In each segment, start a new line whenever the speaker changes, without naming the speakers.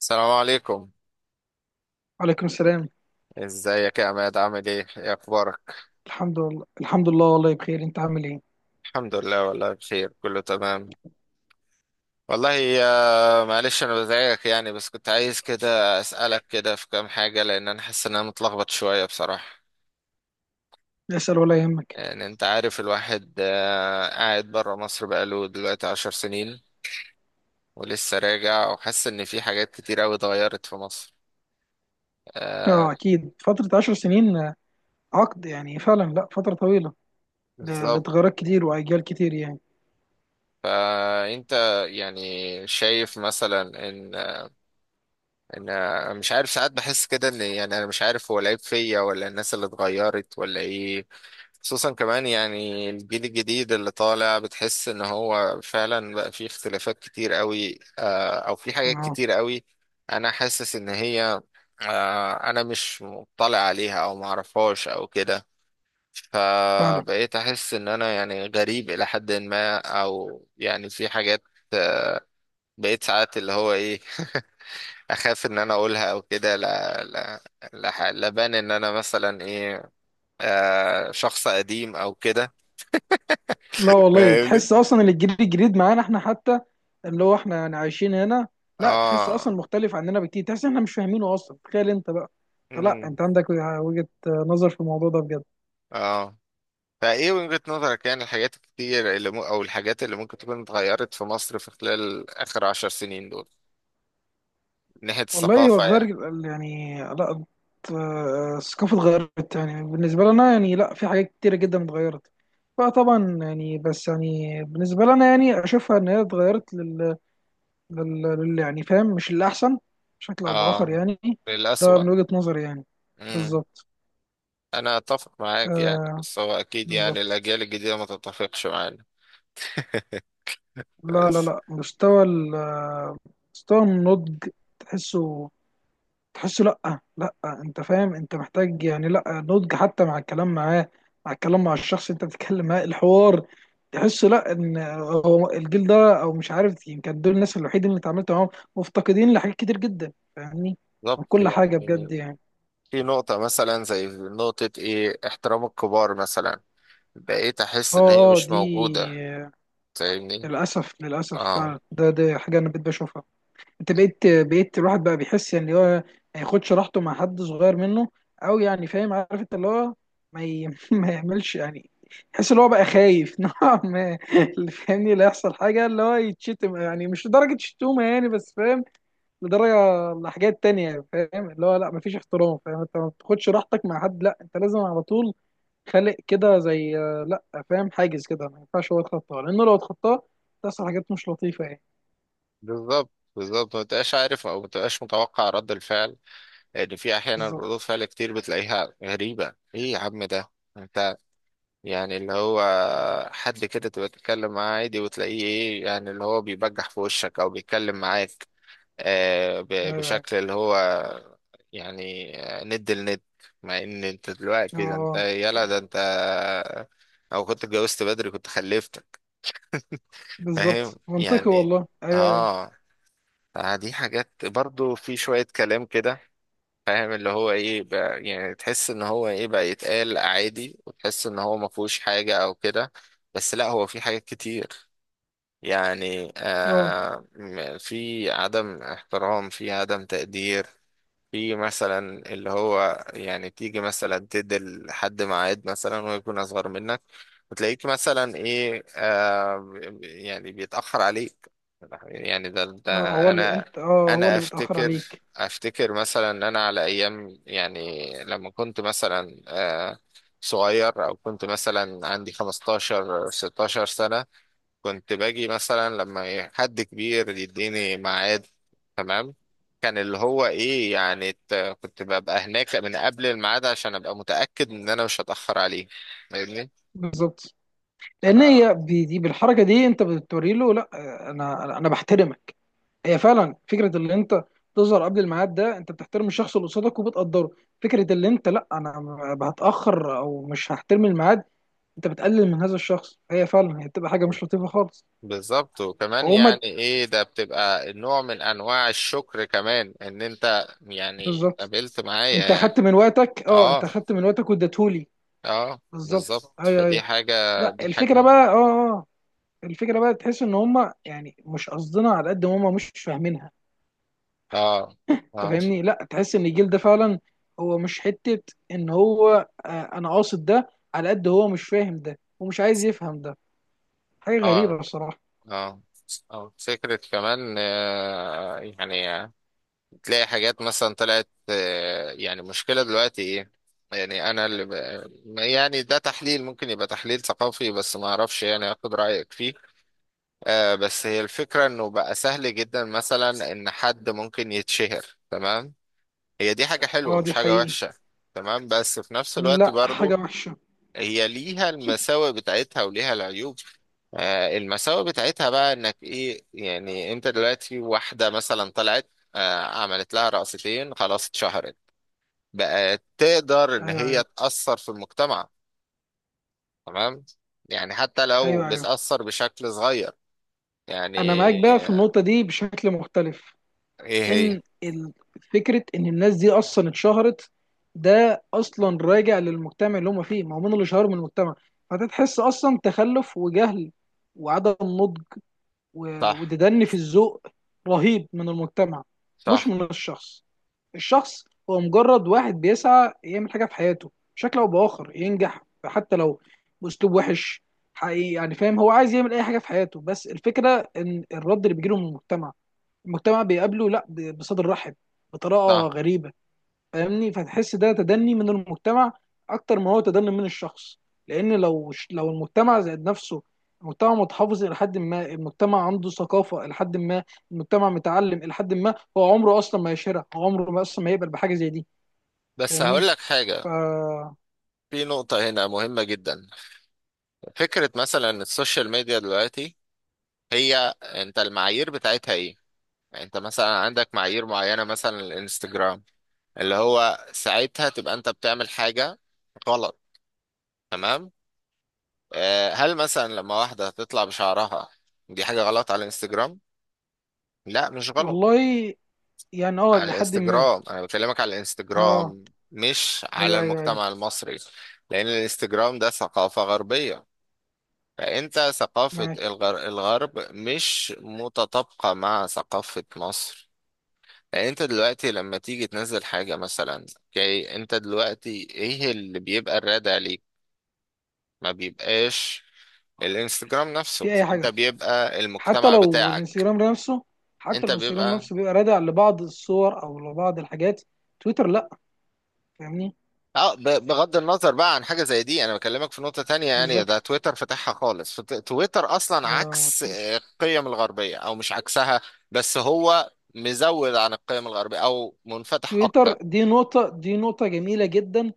السلام عليكم.
وعليكم السلام.
ازيك يا عماد، عامل ايه؟ ايه اخبارك؟
الحمد لله، الحمد لله، والله بخير. انت عامل ايه؟
الحمد لله، والله بخير، كله تمام. والله يا معلش، انا بزعجك يعني بس كنت عايز كده اسالك كده في كام حاجه، لان انا حاسس ان انا متلخبط شويه بصراحه.
اسال ولا يهمك.
يعني انت عارف الواحد، قاعد بره مصر بقاله دلوقتي 10 سنين. ولسه راجع، وحاسس ان في حاجات كتير قوي اتغيرت في مصر. آه،
اه، اكيد فتره 10 سنين، عقد يعني. فعلا، لا، فتره طويله.
بالظبط.
لتغيرات كتير، واجيال كتير، يعني.
فانت يعني شايف مثلا ان ان انا مش عارف، ساعات بحس كده ان يعني انا مش عارف، هو العيب فيا ولا الناس اللي اتغيرت ولا ايه. خصوصا كمان يعني الجيل الجديد اللي طالع، بتحس ان هو فعلا بقى فيه اختلافات كتير قوي، او في حاجات
اه،
كتير قوي. انا حاسس ان هي، انا مش مطلع عليها، او معرفهاش، او كده.
فعلا.
فبقيت احس ان انا يعني غريب الى حد ما، او يعني في حاجات. آه، بقيت ساعات اللي هو ايه، اخاف ان انا اقولها او كده. لا، لا، لا، لبان ان انا مثلا ايه، شخص قديم او كده.
لا والله،
فاهمني.
تحس اصلا اللي الجيل الجديد معانا احنا، حتى اللي هو احنا يعني عايشين هنا. لا، تحسه اصلا
اه،
مختلف عننا بكتير، تحس احنا مش فاهمينه اصلا. تخيل انت بقى. لا،
امم
انت عندك وجهة نظر في الموضوع ده بجد.
اه. فايه وجهة نظرك يعني، الحاجات الكتير اللي او الحاجات اللي ممكن تكون اتغيرت في مصر في خلال اخر 10 سنين دول، من ناحية
والله هو
الثقافة
اتغير،
يعني.
يعني، لا، الثقافة اتغيرت يعني بالنسبة لنا، يعني لا، في حاجات كتيرة جدا اتغيرت. فطبعا يعني، بس يعني بالنسبة لنا، يعني أشوفها إن هي اتغيرت لل... يعني فاهم، مش الأحسن، بشكل أو بآخر
اه،
يعني. ده
للأسوأ.
من وجهة نظري يعني.
امم
بالظبط.
انا اتفق معاك يعني،
آه،
بس هو اكيد يعني
بالظبط.
الاجيال الجديدة ما تتفقش معانا
لا، لا،
بس.
لا، مستوى مستوى النضج، تحسه. تحسه لأ، لأ. أنت فاهم، أنت محتاج يعني، لأ، نضج حتى مع الكلام معاه، مع الكلام مع الشخص أنت بتتكلم معاه، الحوار تحسه لأ. إن هو الجيل ده، أو مش عارف، يمكن دول الناس الوحيدين اللي اتعاملت معاهم، مفتقدين لحاجات كتير جدا، فاهمني، من
بالظبط
كل حاجة، بجد
يعني.
يعني.
في نقطة مثلا زي نقطة ايه احترام الكبار مثلا، بقيت
اه،
احس ان هي
اه،
مش
دي
موجودة. فاهمني.
للأسف، للأسف،
اه،
فعلا ده حاجة أنا بقيت بشوفها. انت بقيت الواحد بقى بيحس ان هو ما ياخدش راحته مع حد صغير منه، او يعني فاهم، عارف انت اللي هو ما, ي... ما يعملش يعني. يحس ان هو بقى خايف نوعا ما، اللي فاهمني لا يحصل حاجه اللي هو يتشتم، يعني مش لدرجه شتومه يعني، بس فاهم، لدرجه لحاجات تانية. فاهم اللي هو لا، ما فيش احترام. فاهم انت ما بتاخدش راحتك مع حد. لا، انت لازم على طول خالق كده، زي، لا، فاهم، حاجز كده ما ينفعش هو يتخطاه، لانه لو اتخطاه تحصل حاجات مش لطيفه يعني.
بالظبط، بالظبط، ما تبقاش عارف او ما تبقاش متوقع رد الفعل. لان في احيانا ردود
بالظبط،
فعل كتير بتلاقيها غريبة، ايه يا عم ده، انت يعني اللي هو حد كده تبقى تتكلم معاه عادي وتلاقيه ايه، يعني اللي هو بيبجح في وشك، او بيتكلم معاك
ايوه، ايوه.
بشكل اللي هو يعني ند لند، مع ان انت دلوقتي ده انت
اه،
يلا، ده انت او كنت اتجوزت بدري كنت خلفتك. فاهم
بالظبط، منطقي
يعني.
والله، ايوه، ايوه.
اه. دي حاجات برضو، في شوية كلام كده، فاهم اللي هو ايه بقى، يعني تحس ان هو ايه بقى يتقال عادي، وتحس ان هو ما فيهوش حاجة او كده. بس لا، هو في حاجات كتير يعني،
اه،
في عدم احترام، في عدم تقدير. في مثلا اللي هو يعني تيجي مثلا تدي لحد ميعاد مثلا ويكون أصغر منك، وتلاقيك مثلا إيه، يعني بيتأخر عليك، يعني ده,
اه،
ده أنا
هو
أنا
اللي بيتاخر
أفتكر
عليك.
أفتكر مثلا إن أنا على أيام، يعني لما كنت مثلا صغير، أو كنت مثلا عندي 15 16 سنة، كنت باجي مثلا لما إيه حد كبير يديني ميعاد، تمام. كان اللي هو ايه يعني، كنت ببقى هناك من قبل الميعاد، عشان ابقى متأكد ان انا مش هتأخر عليه. فاهمني.
بالظبط،
ف-
لان هي دي، بالحركه دي انت بتوري له لا، انا انا أنا بحترمك. هي فعلا فكره اللي انت تظهر قبل الميعاد، ده انت بتحترم الشخص اللي قصادك وبتقدره. فكره اللي انت لا انا هتاخر او مش هحترم الميعاد، انت بتقلل من هذا الشخص. هي فعلا، هي بتبقى حاجه مش لطيفه خالص.
بالظبط. وكمان
وهما
يعني ايه ده، بتبقى نوع من انواع الشكر كمان، ان انت يعني
بالظبط.
قابلت معايا
انت
يعني.
اخدت من وقتك، اه،
اه،
انت اخدت من وقتك واديتهولي.
اه،
بالظبط،
بالظبط.
ايوه،
فدي
ايوه.
حاجة،
لا،
دي
الفكره
حاجة.
بقى اه أه. الفكره بقى تحس ان هم يعني مش قصدنا على قد ما هم مش فاهمينها.
اه،
انت
اه،
فاهمني، لا، تحس ان الجيل ده فعلا هو مش حته. ان هو انا قاصد ده على قد هو مش فاهم ده ومش عايز يفهم ده. حاجه
اه،
غريبه بصراحه.
اه، او فكرة كمان، يعني، تلاقي حاجات مثلا طلعت، يعني مشكلة دلوقتي ايه، يعني انا اللي يعني ده تحليل ممكن يبقى تحليل ثقافي، بس ما اعرفش يعني، اخد رأيك فيه. بس هي الفكرة انه بقى سهل جدا مثلا ان حد ممكن يتشهر، تمام. هي دي حاجة حلوة،
اه، دي
مش حاجة
حقيقي.
وحشة. تمام، بس في نفس الوقت
لا، حاجه
برضو
وحشه.
هي ليها المساوئ بتاعتها وليها العيوب. المساوئ بتاعتها بقى انك ايه، يعني انت دلوقتي واحدة مثلا طلعت، عملت لها رقصتين خلاص اتشهرت، بقت تقدر ان
ايوه،
هي
ايوه،
تأثر في المجتمع، تمام، يعني حتى لو
ايوه، ايوه.
بتأثر بشكل صغير
انا
يعني،
معاك بقى في
آه،
النقطه دي بشكل مختلف.
ايه هي.
ان فكره ان الناس دي اصلا اتشهرت، ده اصلا راجع للمجتمع اللي هم فيه. ما هو من اللي شهرهم المجتمع، فتتحس اصلا تخلف وجهل وعدم نضج
صح،
وتدني في الذوق رهيب من المجتمع، مش
صح،
من الشخص. الشخص هو مجرد واحد بيسعى يعمل حاجه في حياته بشكل او باخر، ينجح حتى لو باسلوب وحش. حقيقي يعني، فاهم، هو عايز يعمل اي حاجه في حياته. بس الفكره ان الرد اللي بيجيله من المجتمع، المجتمع بيقابله لا بصدر رحب، بطريقه
صح.
غريبه، فاهمني، فتحس ده تدني من المجتمع اكتر ما هو تدني من الشخص. لان لو لو المجتمع زائد نفسه، المجتمع متحفظ الى حد ما، المجتمع عنده ثقافه الى حد ما، المجتمع متعلم الى حد ما، هو عمره اصلا ما يشهرها، هو عمره ما اصلا ما يقبل بحاجه زي دي.
بس هقول
فاهمني.
لك حاجة،
ف
في نقطة هنا مهمة جدا، فكرة مثلا السوشيال ميديا دلوقتي، هي انت المعايير بتاعتها ايه؟ يعني انت مثلا عندك معايير معينة، مثلا الانستجرام اللي هو ساعتها تبقى انت بتعمل حاجة غلط، تمام. هل مثلا لما واحدة تطلع بشعرها دي حاجة غلط على الانستجرام؟ لا، مش غلط.
والله يعني، اه،
على
لحد ما.
الانستجرام انا بكلمك، على
اه،
الانستجرام مش على
ايوه، ايوه، ايوه،
المجتمع المصري، لان الانستجرام ده ثقافة غربية. فانت ثقافة
معاك
الغرب مش متطابقة مع ثقافة مصر. يعني انت دلوقتي لما تيجي تنزل حاجة مثلا، اوكي، انت دلوقتي ايه اللي بيبقى الرادع ليك؟ ما بيبقاش. الانستجرام نفسه،
في اي
انت
حاجه.
بيبقى
حتى
المجتمع
لو
بتاعك،
الانستجرام نفسه حتى
انت
لو الانستجرام
بيبقى.
نفسه بيبقى رادع لبعض الصور او لبعض الحاجات. تويتر لا، فاهمني.
اه، بغض النظر بقى عن حاجة زي دي، انا بكلمك في نقطة تانية. يعني ده
بالظبط،
تويتر فتحها خالص، تويتر اصلا
ما
عكس
فيش.
القيم الغربية، او مش عكسها. بس هو مزود عن القيم الغربية، او منفتح اكتر.
تويتر دي نقطة جميلة جدا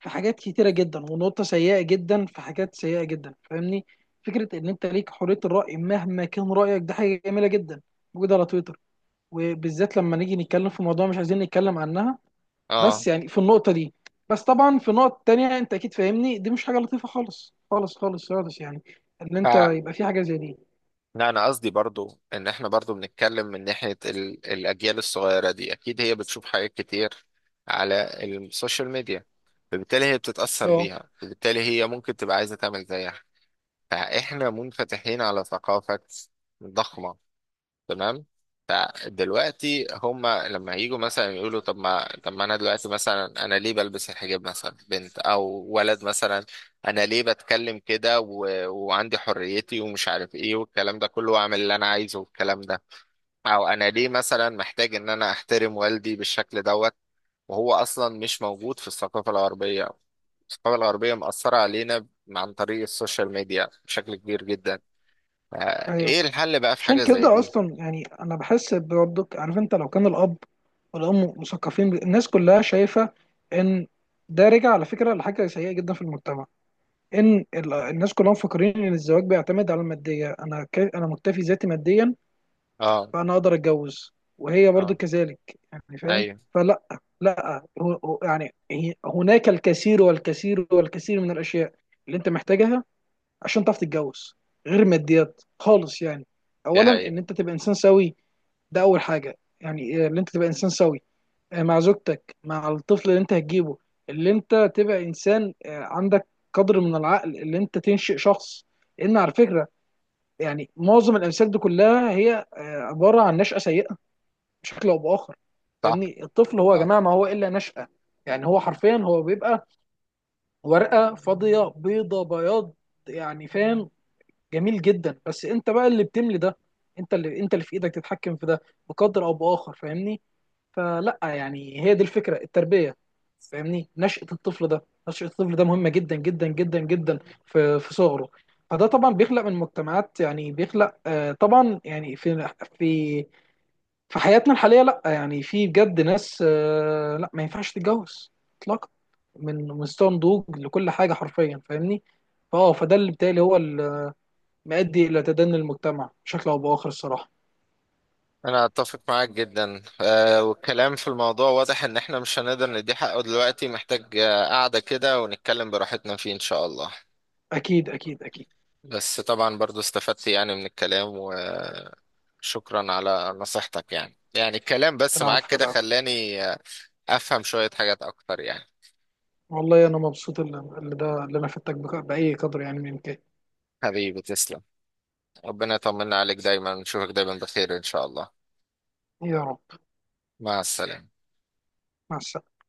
في حاجات كتيرة جدا، ونقطة سيئة جدا في حاجات سيئة جدا، فاهمني. فكرة ان انت ليك حرية الرأي مهما كان رأيك، ده حاجة جميلة جدا موجودة على تويتر، وبالذات لما نيجي نتكلم في موضوع مش عايزين نتكلم عنها،
اه،
بس يعني في النقطة دي. بس طبعا في نقط تانية، انت اكيد فاهمني، دي مش حاجة لطيفة خالص، خالص، خالص، خالص يعني، ان انت يبقى في حاجة زي دي.
لا انا قصدي برضو ان احنا برضو بنتكلم من ناحية الاجيال الصغيرة دي، اكيد هي بتشوف حاجات كتير على السوشيال ميديا، فبالتالي هي بتتأثر
اه،
بيها، فبالتالي هي ممكن تبقى عايزة تعمل زيها. فاحنا منفتحين على ثقافة ضخمة، تمام. فدلوقتي هما لما هيجوا مثلا يقولوا، طب ما انا دلوقتي، مثلا انا ليه بلبس الحجاب مثلا بنت او ولد مثلا، انا ليه بتكلم كده وعندي حريتي، ومش عارف ايه والكلام ده كله، واعمل اللي انا عايزه والكلام ده، او انا ليه مثلا محتاج ان انا احترم والدي بالشكل دوت، وهو اصلا مش موجود في الثقافة الغربية. الثقافة الغربية مأثرة علينا عن طريق السوشيال ميديا بشكل كبير جدا.
ايوه.
فايه الحل بقى في
عشان
حاجة زي
كده
دي؟
اصلا يعني انا بحس برضك، عارف انت لو كان الاب والام مثقفين الناس كلها شايفة ان ده رجع على فكرة لحاجة سيئة جدا في المجتمع. ان الناس كلها مفكرين ان الزواج بيعتمد على المادية. انا مكتفي ذاتي ماديا،
اه،
فانا اقدر اتجوز، وهي برضو
اه،
كذلك، يعني فاهم.
ايوه،
فلا، لا هناك الكثير والكثير والكثير من الاشياء اللي انت محتاجها عشان تعرف تتجوز، غير ماديات خالص يعني.
دي
اولا ان
حقيقة،
انت تبقى انسان سوي. ده اول حاجه، يعني إيه؟ ان انت تبقى انسان سوي، مع زوجتك، مع الطفل اللي انت هتجيبه، اللي انت تبقى انسان، عندك قدر من العقل اللي انت تنشئ شخص. لان على فكره، يعني معظم الامثال دي كلها هي عباره عن نشأة سيئه بشكل او باخر.
صح،
فاهمني، الطفل هو يا
صح.
جماعه ما هو الا نشأة. يعني هو حرفيا هو بيبقى ورقه فاضيه، بيضه بياض، يعني فاهم. جميل جدا، بس انت بقى اللي بتملي ده. انت اللي في ايدك تتحكم في ده بقدر او باخر، فاهمني. فلا يعني، هي دي الفكره، التربيه. فاهمني، نشأة الطفل ده مهمه جدا جدا جدا جدا في في صغره. فده طبعا بيخلق من مجتمعات، يعني بيخلق طبعا يعني في في حياتنا الحاليه. لا يعني في بجد ناس، لا، ما ينفعش تتجوز اطلاقا، من مستوى نضوج لكل حاجه حرفيا، فاهمني. فده اللي بالتالي هو اللي مؤدي الى تدني المجتمع بشكل او باخر الصراحه.
انا اتفق معاك جدا. والكلام في الموضوع واضح ان احنا مش هنقدر ندي حقه دلوقتي، محتاج قعدة كده ونتكلم براحتنا فيه ان شاء الله.
اكيد، اكيد، اكيد.
بس طبعا برضو استفدت يعني من الكلام، وشكرا على نصيحتك، يعني الكلام بس معاك
العفو،
كده
العفو.
خلاني افهم شوية حاجات اكتر يعني.
والله انا مبسوط اللي ده اللي انا فدتك باي قدر يعني من الامكان.
حبيبي تسلم. ربنا يطمنا عليك دايما، نشوفك دايما بخير ان شاء الله.
يا رب.
مع السلامة.
مع السلامه.